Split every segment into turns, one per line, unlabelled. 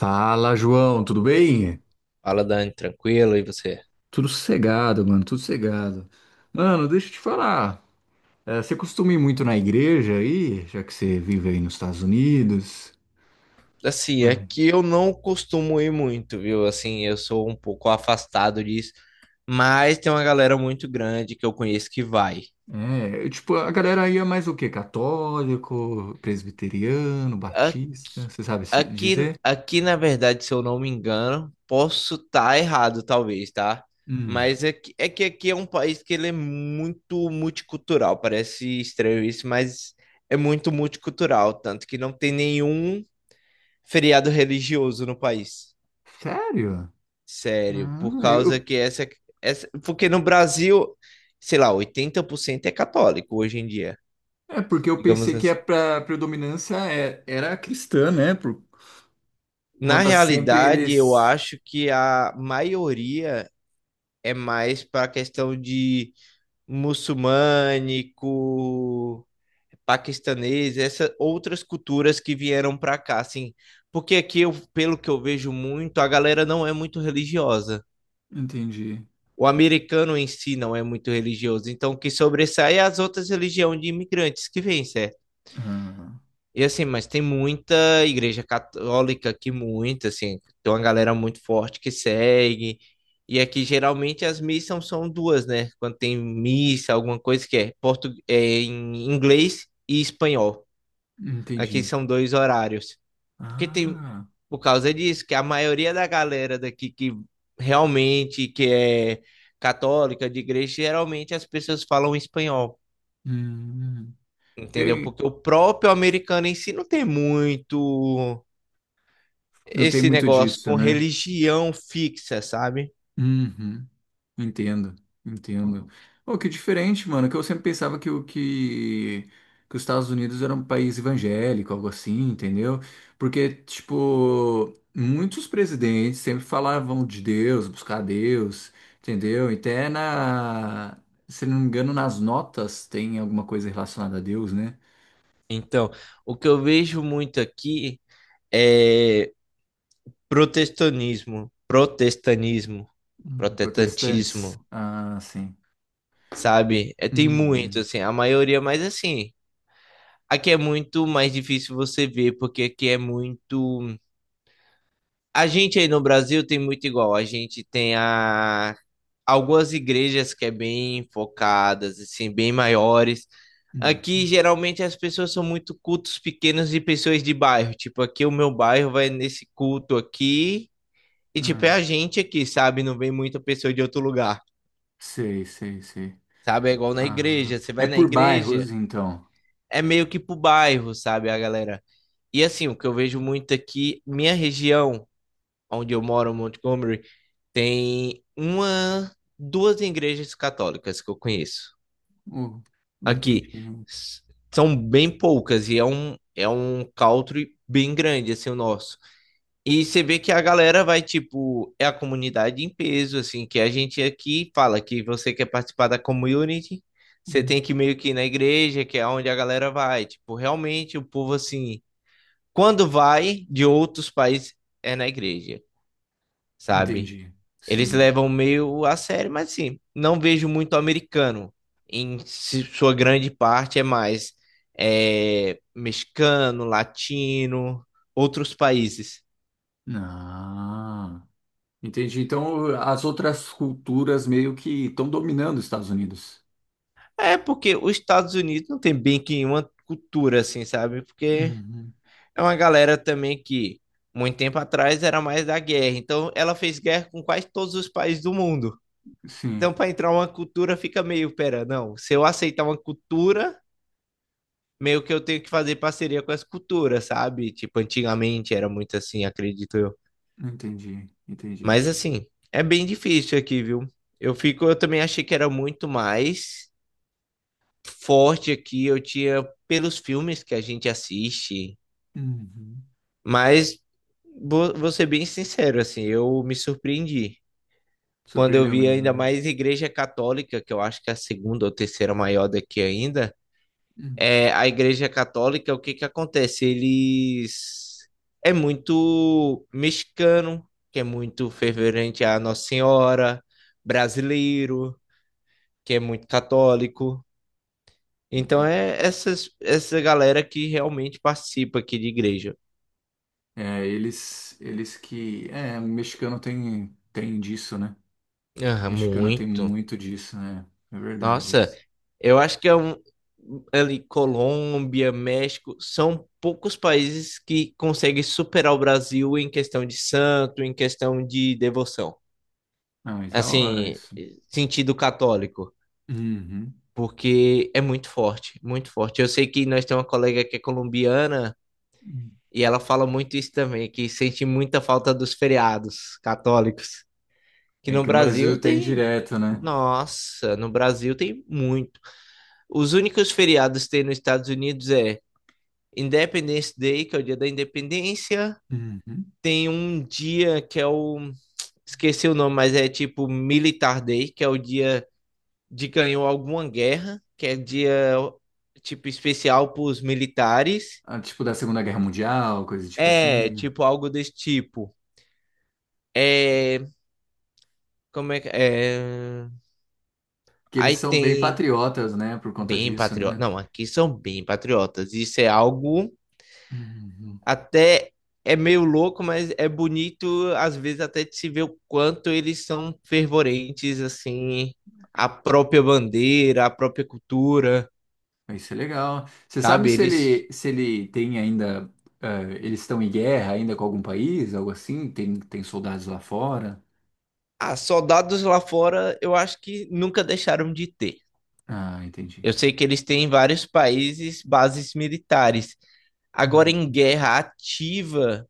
Fala, João, tudo bem?
Fala, Dani, tranquilo, e você?
Tudo sossegado. Mano, deixa eu te falar. Você costuma ir muito na igreja aí, já que você vive aí nos Estados Unidos?
Assim, é
Mano,
que eu não costumo ir muito, viu? Assim, eu sou um pouco afastado disso, mas tem uma galera muito grande que eu conheço que vai.
é, tipo, a galera aí é mais o quê? Católico, presbiteriano,
A-
batista, você sabe se
Aqui,
dizer?
aqui, na verdade, se eu não me engano, posso estar errado, talvez, tá?
Hum,
Mas é que aqui é um país que ele é muito multicultural, parece estranho isso, mas é muito multicultural, tanto que não tem nenhum feriado religioso no país.
sério?
Sério, por
Ah,
causa
eu,
que essa. Porque no Brasil, sei lá, 80% é católico hoje em dia,
é porque eu
digamos
pensei que
assim.
a predominância era cristã, né? Por
Na
conta sempre
realidade, eu
eles.
acho que a maioria é mais para a questão de muçulmânico, paquistanês, essas outras culturas que vieram para cá, assim. Porque aqui, eu, pelo que eu vejo muito, a galera não é muito religiosa.
Entendi.
O americano em si não é muito religioso, então o que sobressai é as outras religiões de imigrantes que vêm, certo?
Ah.
E assim, mas tem muita igreja católica aqui, muita, assim, tem uma galera muito forte que segue. E aqui geralmente as missas são duas, né? Quando tem missa, alguma coisa que é, portu... é em inglês e espanhol. Aqui
Entendi.
são dois horários. Porque tem,
Ah,
por causa disso, que a maioria da galera daqui que realmente que é católica, de igreja, geralmente as pessoas falam espanhol,
hum.
entendeu?
Tem-
Porque o próprio americano em si não tem muito
não tem
esse
muito
negócio
disso,
com
né?
religião fixa, sabe?
Uhum. Entendo, entendo. Oh, que diferente, mano, que eu sempre pensava que os Estados Unidos era um país evangélico, algo assim, entendeu? Porque, tipo, muitos presidentes sempre falavam de Deus, buscar Deus, entendeu? E até se não me engano, nas notas tem alguma coisa relacionada a Deus, né?
Então, o que eu vejo muito aqui é protestantismo, protestanismo,
Protestantes.
protestantismo,
Ah, sim.
sabe? É, tem muito,
Uhum,
assim, a maioria, mas assim, aqui é muito mais difícil você ver, porque aqui é muito. A gente aí no Brasil tem muito igual. A gente tem a... algumas igrejas que é bem focadas, assim, bem maiores.
uhum.
Aqui geralmente as pessoas são muito cultos pequenos e pessoas de bairro. Tipo, aqui o meu bairro vai nesse culto aqui. E tipo, é
Ah,
a gente aqui, sabe? Não vem muita pessoa de outro lugar.
sei, sei, sei.
Sabe? É igual na
Ah,
igreja. Você
é
vai na
por
igreja,
bairros, então.
é meio que pro bairro, sabe, a galera? E assim, o que eu vejo muito aqui, minha região, onde eu moro, Montgomery, tem uma, duas igrejas católicas que eu conheço.
Oh,
Aqui
entendi.
S- são bem poucas e é um country bem grande assim o nosso. E você vê que a galera vai tipo, é a comunidade em peso assim, que a gente aqui fala que você quer participar da community, você tem
Hum,
que meio que ir na igreja, que é onde a galera vai, tipo, realmente o povo assim quando vai de outros países, é na igreja, sabe?
Entendi.
Eles
Sim.
levam meio a sério, mas assim, não vejo muito americano. Sua grande parte é mais é, mexicano, latino, outros países.
Ah, entendi. Então, as outras culturas meio que estão dominando os Estados Unidos.
É porque os Estados Unidos não tem bem que uma cultura assim, sabe? Porque
Uhum.
é uma galera também que muito tempo atrás era mais da guerra. Então ela fez guerra com quase todos os países do mundo.
Sim,
Então, para entrar uma cultura, fica meio, pera, não. Se eu aceitar uma cultura, meio que eu tenho que fazer parceria com as culturas, sabe? Tipo, antigamente era muito assim, acredito eu.
entendi, entendi.
Mas assim, é bem difícil aqui, viu? Eu fico, eu também achei que era muito mais forte aqui, eu tinha pelos filmes que a gente assiste,
Uhum.
mas vou ser bem sincero, assim, eu me surpreendi. Quando eu
Surpreendeu
vi
mesmo,
ainda
né?
mais Igreja Católica, que eu acho que é a segunda ou terceira maior daqui ainda,
Hum,
é, a Igreja Católica, o que que acontece? Eles é muito mexicano, que é muito fervorente a Nossa Senhora, brasileiro, que é muito católico. Então
entendi.
é essa galera que realmente participa aqui de igreja.
É, eles que, é, o mexicano tem disso, né?
Ah,
Acho que eu não tenho
muito.
muito disso, né? É verdade
Nossa,
isso.
eu acho que é um, ali, Colômbia, México, são poucos países que conseguem superar o Brasil em questão de santo, em questão de devoção.
Não, mas da hora
Assim,
isso.
sentido católico,
Uhum.
porque é muito forte, muito forte. Eu sei que nós temos uma colega que é colombiana e ela fala muito isso também, que sente muita falta dos feriados católicos, que
É
no
que no
Brasil
Brasil tem
tem,
direto, né?
nossa, no Brasil tem muito. Os únicos feriados que tem nos Estados Unidos é Independence Day, que é o dia da independência,
Uhum.
tem um dia que é o esqueci o nome, mas é tipo Militar Day, que é o dia de ganhou alguma guerra, que é dia tipo especial para os militares.
Ah, tipo da Segunda Guerra Mundial, coisa tipo
É,
assim.
tipo algo desse tipo. É, como é que é?
Que eles
Aí
são bem
tem
patriotas, né? Por conta
bem
disso,
patriota.
né?
Não, aqui são bem patriotas. Isso é algo
Uhum.
até é meio louco, mas é bonito às vezes até de se ver o quanto eles são fervorentes assim, a própria bandeira, a própria cultura,
Mas isso é legal. Você sabe
sabe? Eles
se ele tem ainda. Ah, eles estão em guerra ainda com algum país, algo assim? Tem soldados lá fora?
ah, soldados lá fora, eu acho que nunca deixaram de ter.
Ah, entendi.
Eu sei que eles têm em vários países bases militares. Agora,
Uhum.
em guerra ativa,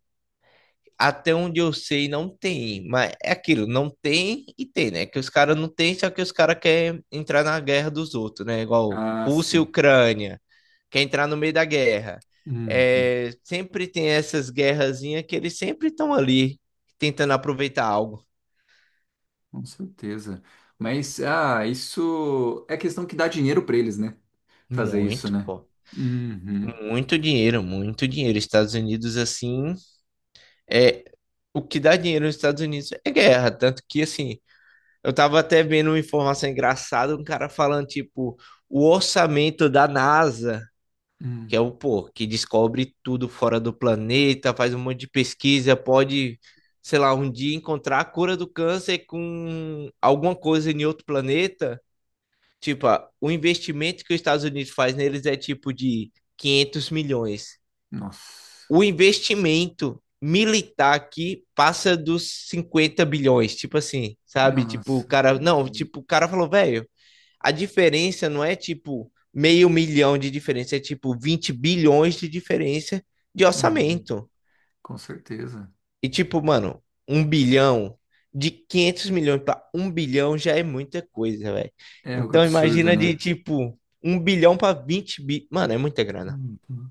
até onde eu sei, não tem. Mas é aquilo, não tem e tem, né? Que os caras não tem, só que os caras querem entrar na guerra dos outros, né? Igual
Ah,
Rússia e
sim.
Ucrânia, quer entrar no meio da guerra.
Uhum.
É, sempre tem essas guerrazinhas que eles sempre estão ali tentando aproveitar algo.
Com certeza. Mas, ah, isso é questão que dá dinheiro pra eles, né? Fazer isso,
Muito,
né?
pô.
Uhum.
Muito dinheiro, muito dinheiro. Estados Unidos, assim, é o que dá dinheiro nos Estados Unidos é guerra. Tanto que, assim, eu tava até vendo uma informação engraçada, um cara falando, tipo, o orçamento da NASA, que
Hum.
é o, pô, que descobre tudo fora do planeta, faz um monte de pesquisa, pode, sei lá, um dia encontrar a cura do câncer com alguma coisa em outro planeta. Tipo, ah, o investimento que os Estados Unidos faz neles é tipo de 500 milhões.
Nossa.
O investimento militar aqui passa dos 50 bilhões, tipo assim, sabe? Tipo, o
Nossa.
cara, não,
Uhum.
tipo, o cara falou, velho, a diferença não é tipo meio milhão de diferença, é tipo 20 bilhões de diferença de
Uhum.
orçamento.
Com certeza.
E tipo, mano, um bilhão de 500 milhões para um bilhão já é muita coisa, velho.
É algo
Então
absurdo,
imagina de
né?
tipo um bilhão para 20 bi, mano, é muita grana.
Uhum.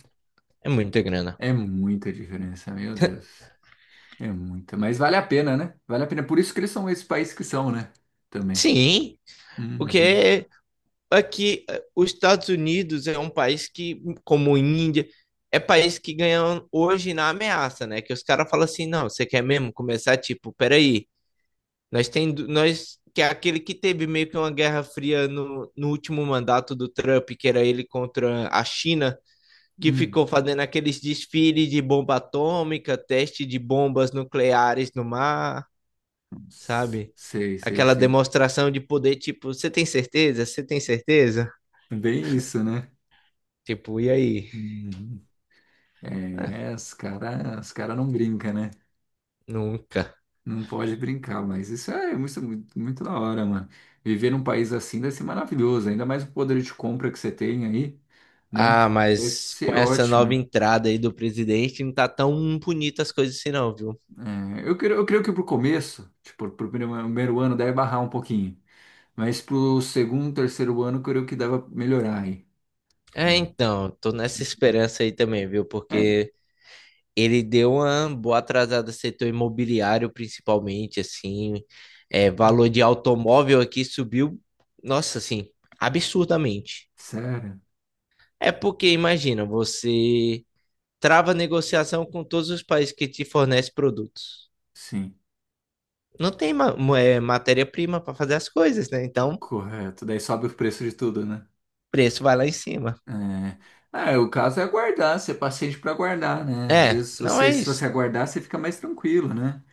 É muita grana.
É muita diferença, meu Deus. É muita. Mas vale a pena, né? Vale a pena. Por isso que eles são esse país que são, né? Também.
Sim,
Uhum.
porque aqui, os Estados Unidos é um país que, como a Índia, é país que ganha hoje na ameaça, né? Que os caras falam assim, não, você quer mesmo começar, tipo, peraí, nós tem, nós, que é aquele que teve meio que uma guerra fria no último mandato do Trump, que era ele contra a China, que
Uhum.
ficou fazendo aqueles desfiles de bomba atômica, teste de bombas nucleares no mar, sabe?
Sei, sei,
Aquela
sei.
demonstração de poder, tipo, você tem certeza? Você tem certeza?
Bem isso, né?
Tipo, e aí?
Uhum.
É,
É, os cara não brinca, né?
nunca.
Não pode brincar, mas isso é muito, muito, muito da hora, mano. Viver num país assim deve ser maravilhoso, ainda mais o poder de compra que você tem aí, né?
Ah,
Vai
mas com
ser
essa nova
ótimo.
entrada aí do presidente, não tá tão bonita as coisas assim, não, viu?
É, eu creio que pro começo, tipo, pro primeiro ano deve barrar um pouquinho, mas pro segundo, terceiro ano, eu creio que dava melhorar aí,
É,
né?
então, tô nessa esperança aí também, viu?
É,
Porque ele deu uma boa atrasada no setor imobiliário, principalmente, assim. É, valor de automóvel aqui subiu, nossa, assim, absurdamente.
sério?
É porque, imagina, você trava negociação com todos os países que te fornecem produtos.
Sim,
Não tem é, matéria-prima para fazer as coisas, né? Então.
correto. Daí sobe o preço de tudo, né?
Preço vai lá em cima.
É. Ah, o caso é aguardar, ser paciente para aguardar, né?
É, não é
Se
isso.
você aguardar, você fica mais tranquilo, né?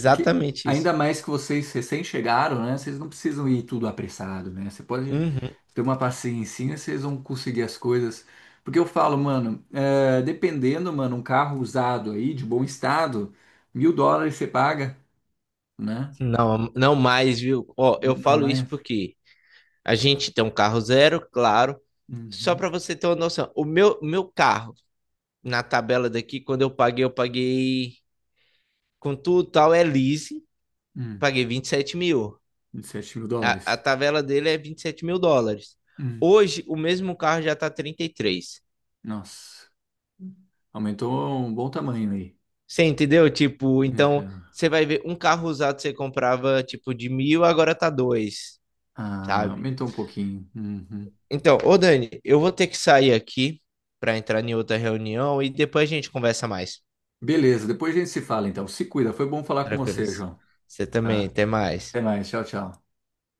Porque ainda
isso.
mais que vocês recém chegaram, né? Vocês não precisam ir tudo apressado, né? Você pode
Uhum.
ter uma paciência, vocês vão conseguir as coisas. Porque eu falo, mano, é, dependendo, mano, um carro usado aí, de bom estado, $1.000 você paga, né?
Não, não mais, viu? Ó, eu
Não
falo isso
mais.
porque a gente tem um carro zero, claro. Só
Uhum.
para você ter uma noção, o meu carro, na tabela daqui, quando eu paguei com tudo e tal, é lease,
Hum.
paguei 27 mil.
27 mil dólares.
A tabela dele é 27 mil dólares.
Hum.
Hoje, o mesmo carro já tá 33.
Nossa, aumentou um bom tamanho aí.
Você entendeu? Tipo, então
Então,
você vai ver um carro usado você comprava tipo de mil, agora tá dois,
ah,
sabe?
aumentou um pouquinho. Uhum.
Então, ô Dani, eu vou ter que sair aqui para entrar em outra reunião e depois a gente conversa mais.
Beleza, depois a gente se fala então. Se cuida, foi bom falar com você,
Tranquilos.
João.
Você também,
Tá?
até mais.
Até mais, tchau, tchau.